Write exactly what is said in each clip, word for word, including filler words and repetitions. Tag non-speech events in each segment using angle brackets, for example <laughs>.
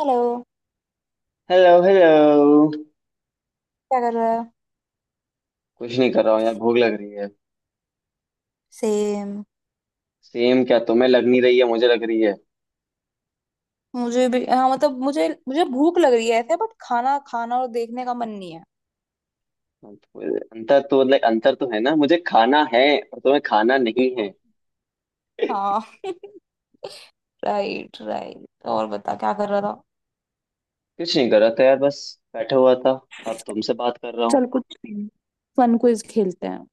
Hello. Hello hello. क्या कर रहा है? कुछ नहीं कर रहा हूँ यार, भूख लग रही है। सेम। सेम क्या? तुम्हें लग नहीं रही है? मुझे लग रही है। मुझे भी हाँ। मतलब मुझे मुझे भूख लग रही है ऐसे बट खाना खाना और देखने का मन नहीं है। अंतर तो लाइक अंतर तो है ना, मुझे खाना है और तुम्हें खाना नहीं है। हाँ। Right, right. और बता, क्या कर रहा था? कुछ नहीं कर रहा था यार, बस बैठा हुआ था। अब तुमसे बात कर रहा हूँ। चल कुछ फन क्विज खेलते हैं।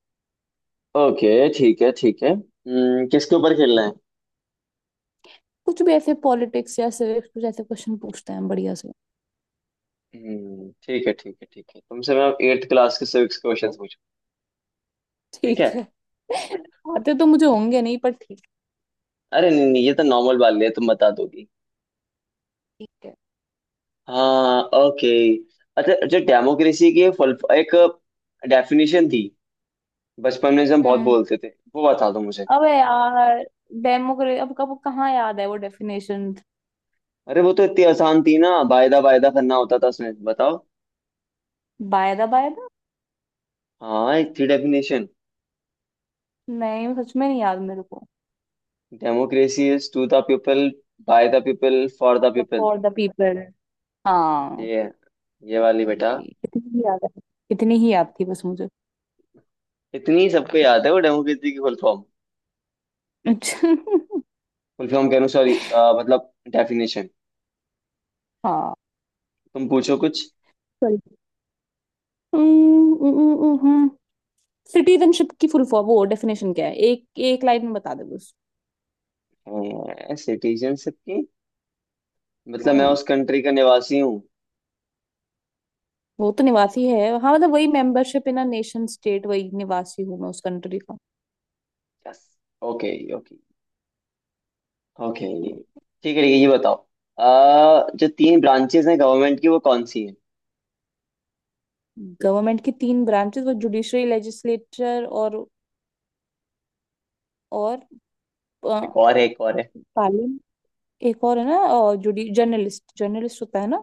ओके ठीक है ठीक है। हम्म, किसके ऊपर खेलना है? कुछ भी ऐसे पॉलिटिक्स या सिविक्स, कुछ ऐसे क्वेश्चन पूछते हैं बढ़िया से। हम्म, ठीक है ठीक है ठीक है, तुमसे मैं एट्थ क्लास के सिविक्स क्वेश्चंस पूछूं? ठीक ठीक है। है। <laughs> आते तो मुझे होंगे नहीं, पर ठीक। अरे नहीं नहीं, ये तो नॉर्मल वाले है, तुम बता दोगी। ठीक है। हाँ ओके। अच्छा अच्छा, डेमोक्रेसी की एक फुल- एक डेफिनेशन थी बचपन में, जो हम बहुत हम्म। बोलते थे, वो बता दो मुझे। अबे यार, डेमोक्रेसी, अब कब कहाँ याद है वो डेफिनेशन। अरे वो तो इतनी आसान थी ना, वायदा वायदा करना होता था उसमें, बताओ। वायदा वायदा? हाँ, एक थी डेफिनेशन। नहीं, सच में नहीं याद मेरे को। Democracy is to the people, by the people, for the अच्छा, पीपल। For the people. हाँ। ये है, ये वाली बेटा। कितनी ही याद है। कितनी ही याद थी बस मुझे। इतनी सबको याद है वो डेमोक्रेसी की फुल फॉर्म। <laughs> अच्छा। फुल फॉर्म कह रहा हूँ, सॉरी, मतलब डेफिनेशन। हाँ। तुम पूछो कुछ। सॉरी, सिटीजनशिप की फुल फॉर्म, वो डेफिनेशन क्या है? एक एक लाइन में बता दे बस। सिटीजनशिप की? मतलब मैं हम्म। उस कंट्री का निवासी हूँ। वो तो निवासी है, हाँ। मतलब वही, membership in a nation state, वही निवासी हूँ मैं उस कंट्री का। यस। Okay okay. ओके ठीक है। ठीक है, ये बताओ। अ, जो तीन ब्रांचेस हैं गवर्नमेंट की, वो कौन सी हैं? गवर्नमेंट की तीन ब्रांचेस, वो जुडिशरी, लेजिस्लेचर और और एक और है, एक और है। पार्लियामेंट। एक और है ना, और जुडी, जर्नलिस्ट, जर्नलिस्ट होता है ना?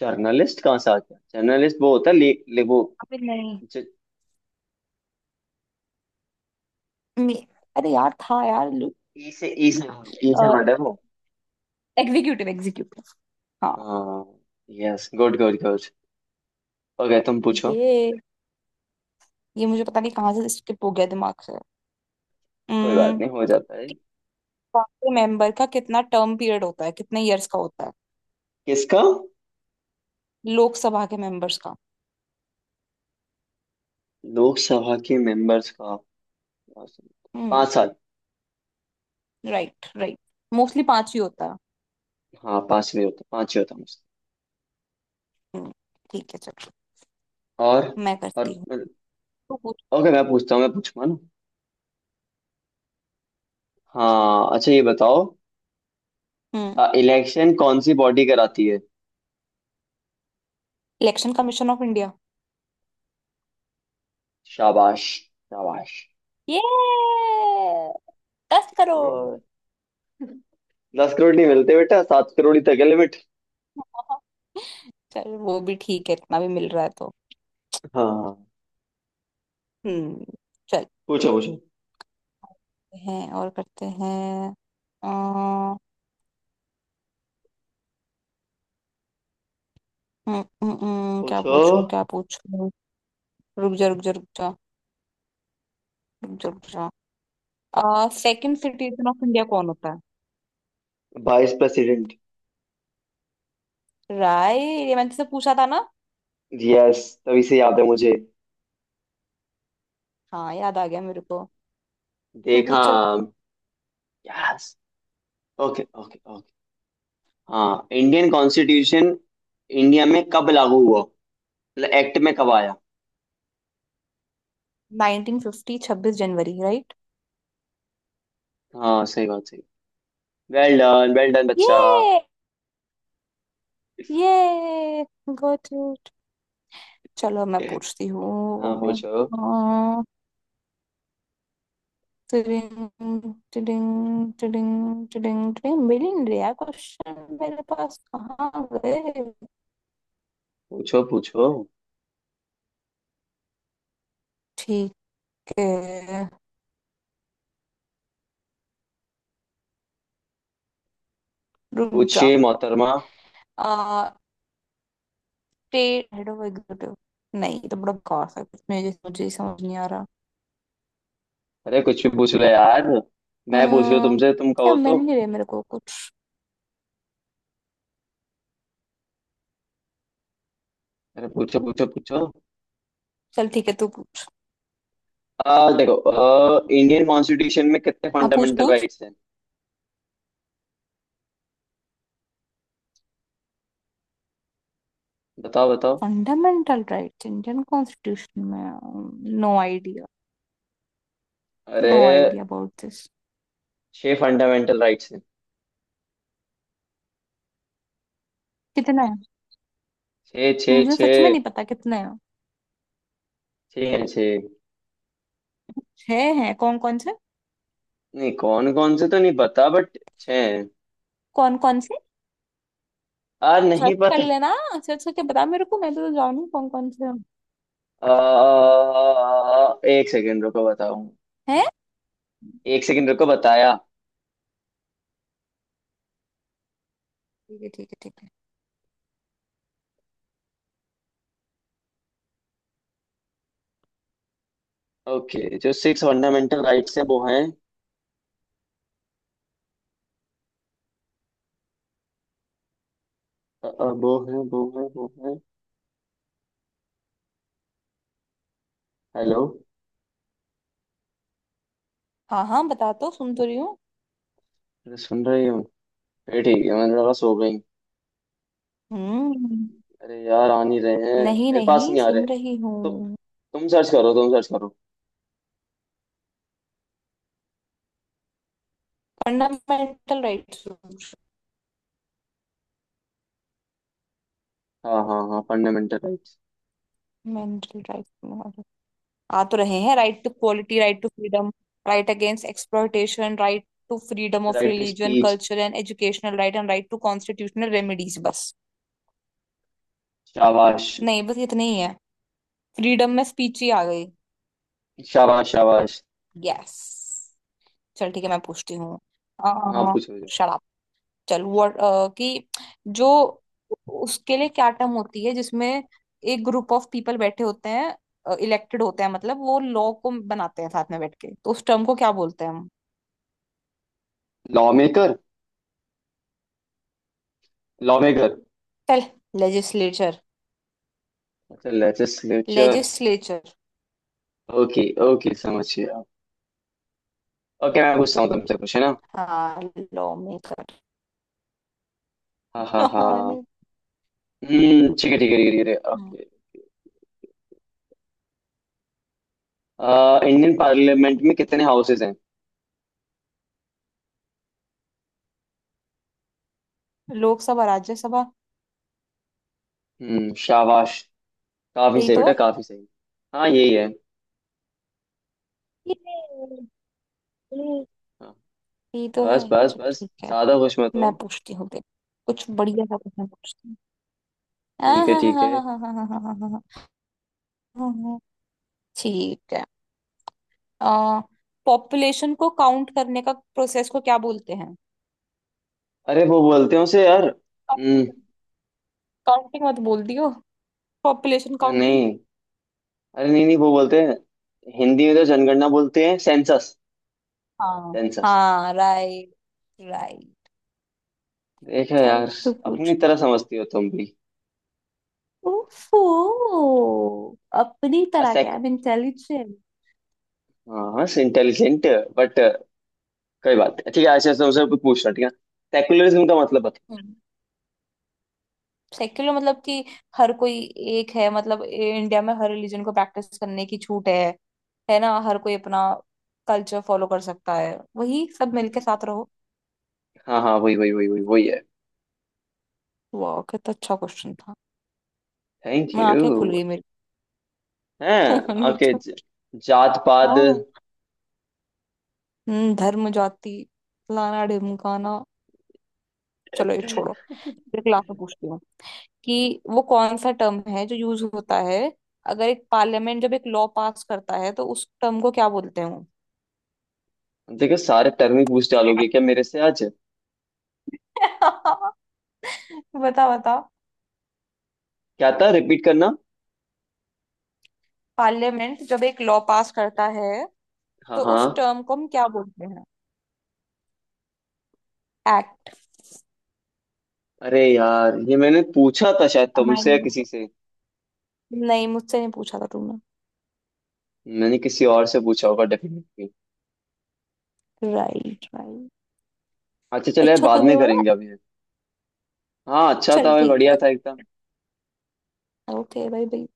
जर्नलिस्ट कहाँ से आ गया? जर्नलिस्ट वो होता है ले, ले वो अबे नहीं, जो। मे- अरे यार, था यार। ई से, ई से, ई से हमारा है वो। Executive, executive. हाँ। हाँ, yes, good good good. Okay तुम पूछो। ये ये मुझे पता नहीं कहाँ से स्किप हो गया दिमाग से। कोई बात हम्म, नहीं, हो जाता है। लोकसभा के मेंबर का कितना टर्म पीरियड होता है? कितने इयर्स का होता है? किसका? लोकसभा के मेंबर्स का। लोकसभा के मेंबर्स का? हम्म। पांच साल। Right, right. मोस्टली पांच ही होता है। हाँ, पांचवे होता पांचवे होता मुझसे। हम्म। ठीक है, चलो। और। मैं और। करती हूँ। तू पूछ। ओके मैं पूछता हूँ, मैं पूछूंगा ना? हाँ अच्छा, ये बताओ, हम्म। इलेक्शन कौन सी बॉडी कराती है? Election commission of India. शाबाश, शाबाश। ये दस हम्म, करोड़ दस करोड़ नहीं मिलते बेटा, सात करोड़ ही तक है लिमिट। <laughs> चल वो भी ठीक है, इतना भी मिल रहा है तो। हाँ। हम्म। चल। पूछो पूछो हैं और करते हैं। अ, हम्म, हम्म, हम्म, क्या पूछो। पूछूं, क्या पूछूं? रुक जा, रुक जा, रुक जा, रुक जा, रुक जा। सेकंड सिटीजन ऑफ इंडिया कौन होता वाइस प्रेसिडेंट। है? राय, ये मैंने तुझसे पूछा था ना। यस, तभी से याद है मुझे। हाँ, याद आ गया मेरे को। तू देखा। पूछ, चल। यस। Okay okay okay. हाँ, इंडियन कॉन्स्टिट्यूशन इंडिया में कब लागू हुआ? मतलब एक्ट में कब आया? नाइन्टीन फ़िफ़्टी, छब्बीस जनवरी, राइट। हाँ सही बात, सही। वेल डन वेल डन बच्चा। ये ये गॉट इट। चलो, मैं पूछती हाँ हूँ। पूछो टिडिंग टिडिंग टिडिंग टिडिंग टिडिंग मिल ही नहीं रहा क्वेश्चन मेरे पास, कहाँ गए? पूछो पूछो। ठीक है। रुक जा। पूछिए मोहतरमा। आ स्टेट हेड ऑफ एग्जीक्यूटिव। नहीं, ये तो बड़ा बेकार सा कुछ, मुझे मुझे ही समझ नहीं आ रहा। अरे कुछ भी पूछ लो यार, मैं पूछ रहा हूँ हम्म। तुमसे, तुम क्या कहो मिल तो। नहीं रहा मेरे को कुछ। अरे पूछो पूछो पूछो। चल ठीक है, तू पूछ। आ देखो, आ, इंडियन कॉन्स्टिट्यूशन में कितने हाँ पूछ, फंडामेंटल पूछ। राइट्स हैं? बताओ बताओ। फंडामेंटल राइट्स इंडियन कॉन्स्टिट्यूशन में, नो आइडिया। अरे! No idea about this. छह फंडामेंटल राइट्स हैं। कितना है? छह छह मुझे सच में छह। नहीं पता कितने हैं। छह हैं, छह। छह हैं, कौन कौन से? नहीं, कौन कौन से तो नहीं पता, बट छह हैं। कौन कौन से? आ, नहीं सर्च कर पता। लेना। सर्च करके बता मेरे को, मैं तो जानू कौन कौन से हैं। आ, एक सेकेंड रुको, बताऊं। हैं? एक सेकेंड रुको, बताया। ठीक है, ठीक है, ठीक है। ओके, जो सिक्स फंडामेंटल राइट्स हैं, वो हैं, अ, अ, वो हैं वो हैं वो हैं। हेलो? हाँ हाँ, बता तो, सुन तो रही हूँ। अरे सुन रही हूँ? ये ठीक है, मैंने लगा सो गई। हम्म। अरे यार, आ नहीं रहे हैं, नहीं मेरे पास नहीं, नहीं आ रहे, सुन रही तो हूँ। तुम सर्च करो तुम सर्च करो। Fundamental rights. हाँ हाँ हाँ, फंडामेंटल राइट्स। Mental rights. आ तो रहे हैं, right to quality, right to freedom, right against exploitation, right to freedom of right to religion, speech. Culture and educational right and right to constitutional remedies, बस। शाबाश, नहीं बस इतने ही है, फ्रीडम में स्पीच ही आ गई। शाबाश, शाबाश। यस। चल ठीक है, मैं पूछती हूँ। हाँ अ, पूछो। शराब, चल वो, कि जो, उसके लिए क्या टर्म होती है, जिसमें एक ग्रुप ऑफ पीपल बैठे होते हैं, इलेक्टेड होते हैं, मतलब वो लॉ को बनाते हैं साथ में बैठ के, तो उस टर्म को क्या बोलते हैं हम? Law maker. Law maker. चल। लेजिस्लेचर। अच्छा लेजिस्लेचर। लेजिस्लेचर। ओके, ओके समझ गया। ओके, मैं पूछता हूँ तुमसे कुछ है ना? हाँ, लॉ मेकर। हाँ हाँ हाँ। हम्म, ठीक है ठीक है ठीक है ठीक है, ओके। <laughs> आ, इंडियन पार्लियामेंट में कितने हाउसेज हैं? लोकसभा, राज्यसभा। हम्म, शाबाश। काफी यही सही तो बेटा, है। काफी सही। हाँ यही है। ये- ये- हाँ। यही तो है। बस बस चल बस, ठीक है। ज्यादा खुश मत हो। मैं पूछती हूँ तेरे, कुछ बढ़िया सा क्वेश्चन पूछती हूँ। <laughs> हाँ ठीक है हाँ हाँ ठीक है। हाँ हाँ हाँ हाँ हाँ हाँ, हाँ, हाँ, ठीक है। आ, पॉपुलेशन को काउंट करने का प्रोसेस को क्या बोलते हैं? अरे वो बोलते हैं उसे यार, काउंटिंग? हम्म। काउंटिंग मत बोल दियो, पॉपुलेशन काउंटिंग। नहीं, अरे नहीं नहीं, वो बोलते हैं, हिंदी में तो जनगणना बोलते हैं, सेंसस। हाँ। सेंसस। हाँ राइट, राइट। देखा चल यार, तू पूछ। अपनी तरह समझती हो तुम भी। ओफो, अपनी अ तरह क्या, सेक। I am intelligent. हाँ, इंटेलिजेंट, बट कोई बात नहीं। ठीक है। अच्छा तुमसे कुछ पूछना, ठीक है? सेकुलरिज्म का मतलब बताओ। सेक्युलर मतलब कि हर कोई एक है, मतलब ए- इंडिया में हर रिलीजन को प्रैक्टिस करने की छूट है है ना, हर कोई अपना कल्चर फॉलो कर सकता है, वही सब मिलके साथ रहो। हाँ हाँ, वही वही वही वही वही है। वाह, कितना अच्छा क्वेश्चन था। थैंक मैं यू। आंखें खुल गई मेरी। <laughs> मन हाँ में ओके। तो जात पात। हाँ। हम्म, धर्म, जाति, लाना, ढिमकाना। चलो ये छोड़ो। <laughs> एक लास्ट में पूछती हूँ कि वो कौन सा टर्म है जो यूज होता है, अगर एक पार्लियामेंट जब एक लॉ पास करता है, तो उस टर्म को क्या बोलते हैं वो? देखो, सारे टर्म ही पूछ डालोगे क्या मेरे से आज? <laughs> बता बता। क्या था, रिपीट करना। पार्लियामेंट जब एक लॉ पास करता है हाँ तो हाँ। उस टर्म को हम क्या बोलते हैं? एक्ट। अरे यार, ये मैंने पूछा था शायद तुमसे या अमेंडमेंट। किसी से। नहीं, मुझसे नहीं पूछा था तुमने। मैंने किसी और से पूछा होगा डेफिनेटली। Right, right. अच्छा चलो यार, अच्छा था बाद ये में वाला। करेंगे अभी। हाँ अच्छा था चल भाई, ठीक बढ़िया है। था एकदम। ओके भाई, भाई।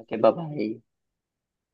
Okay bye.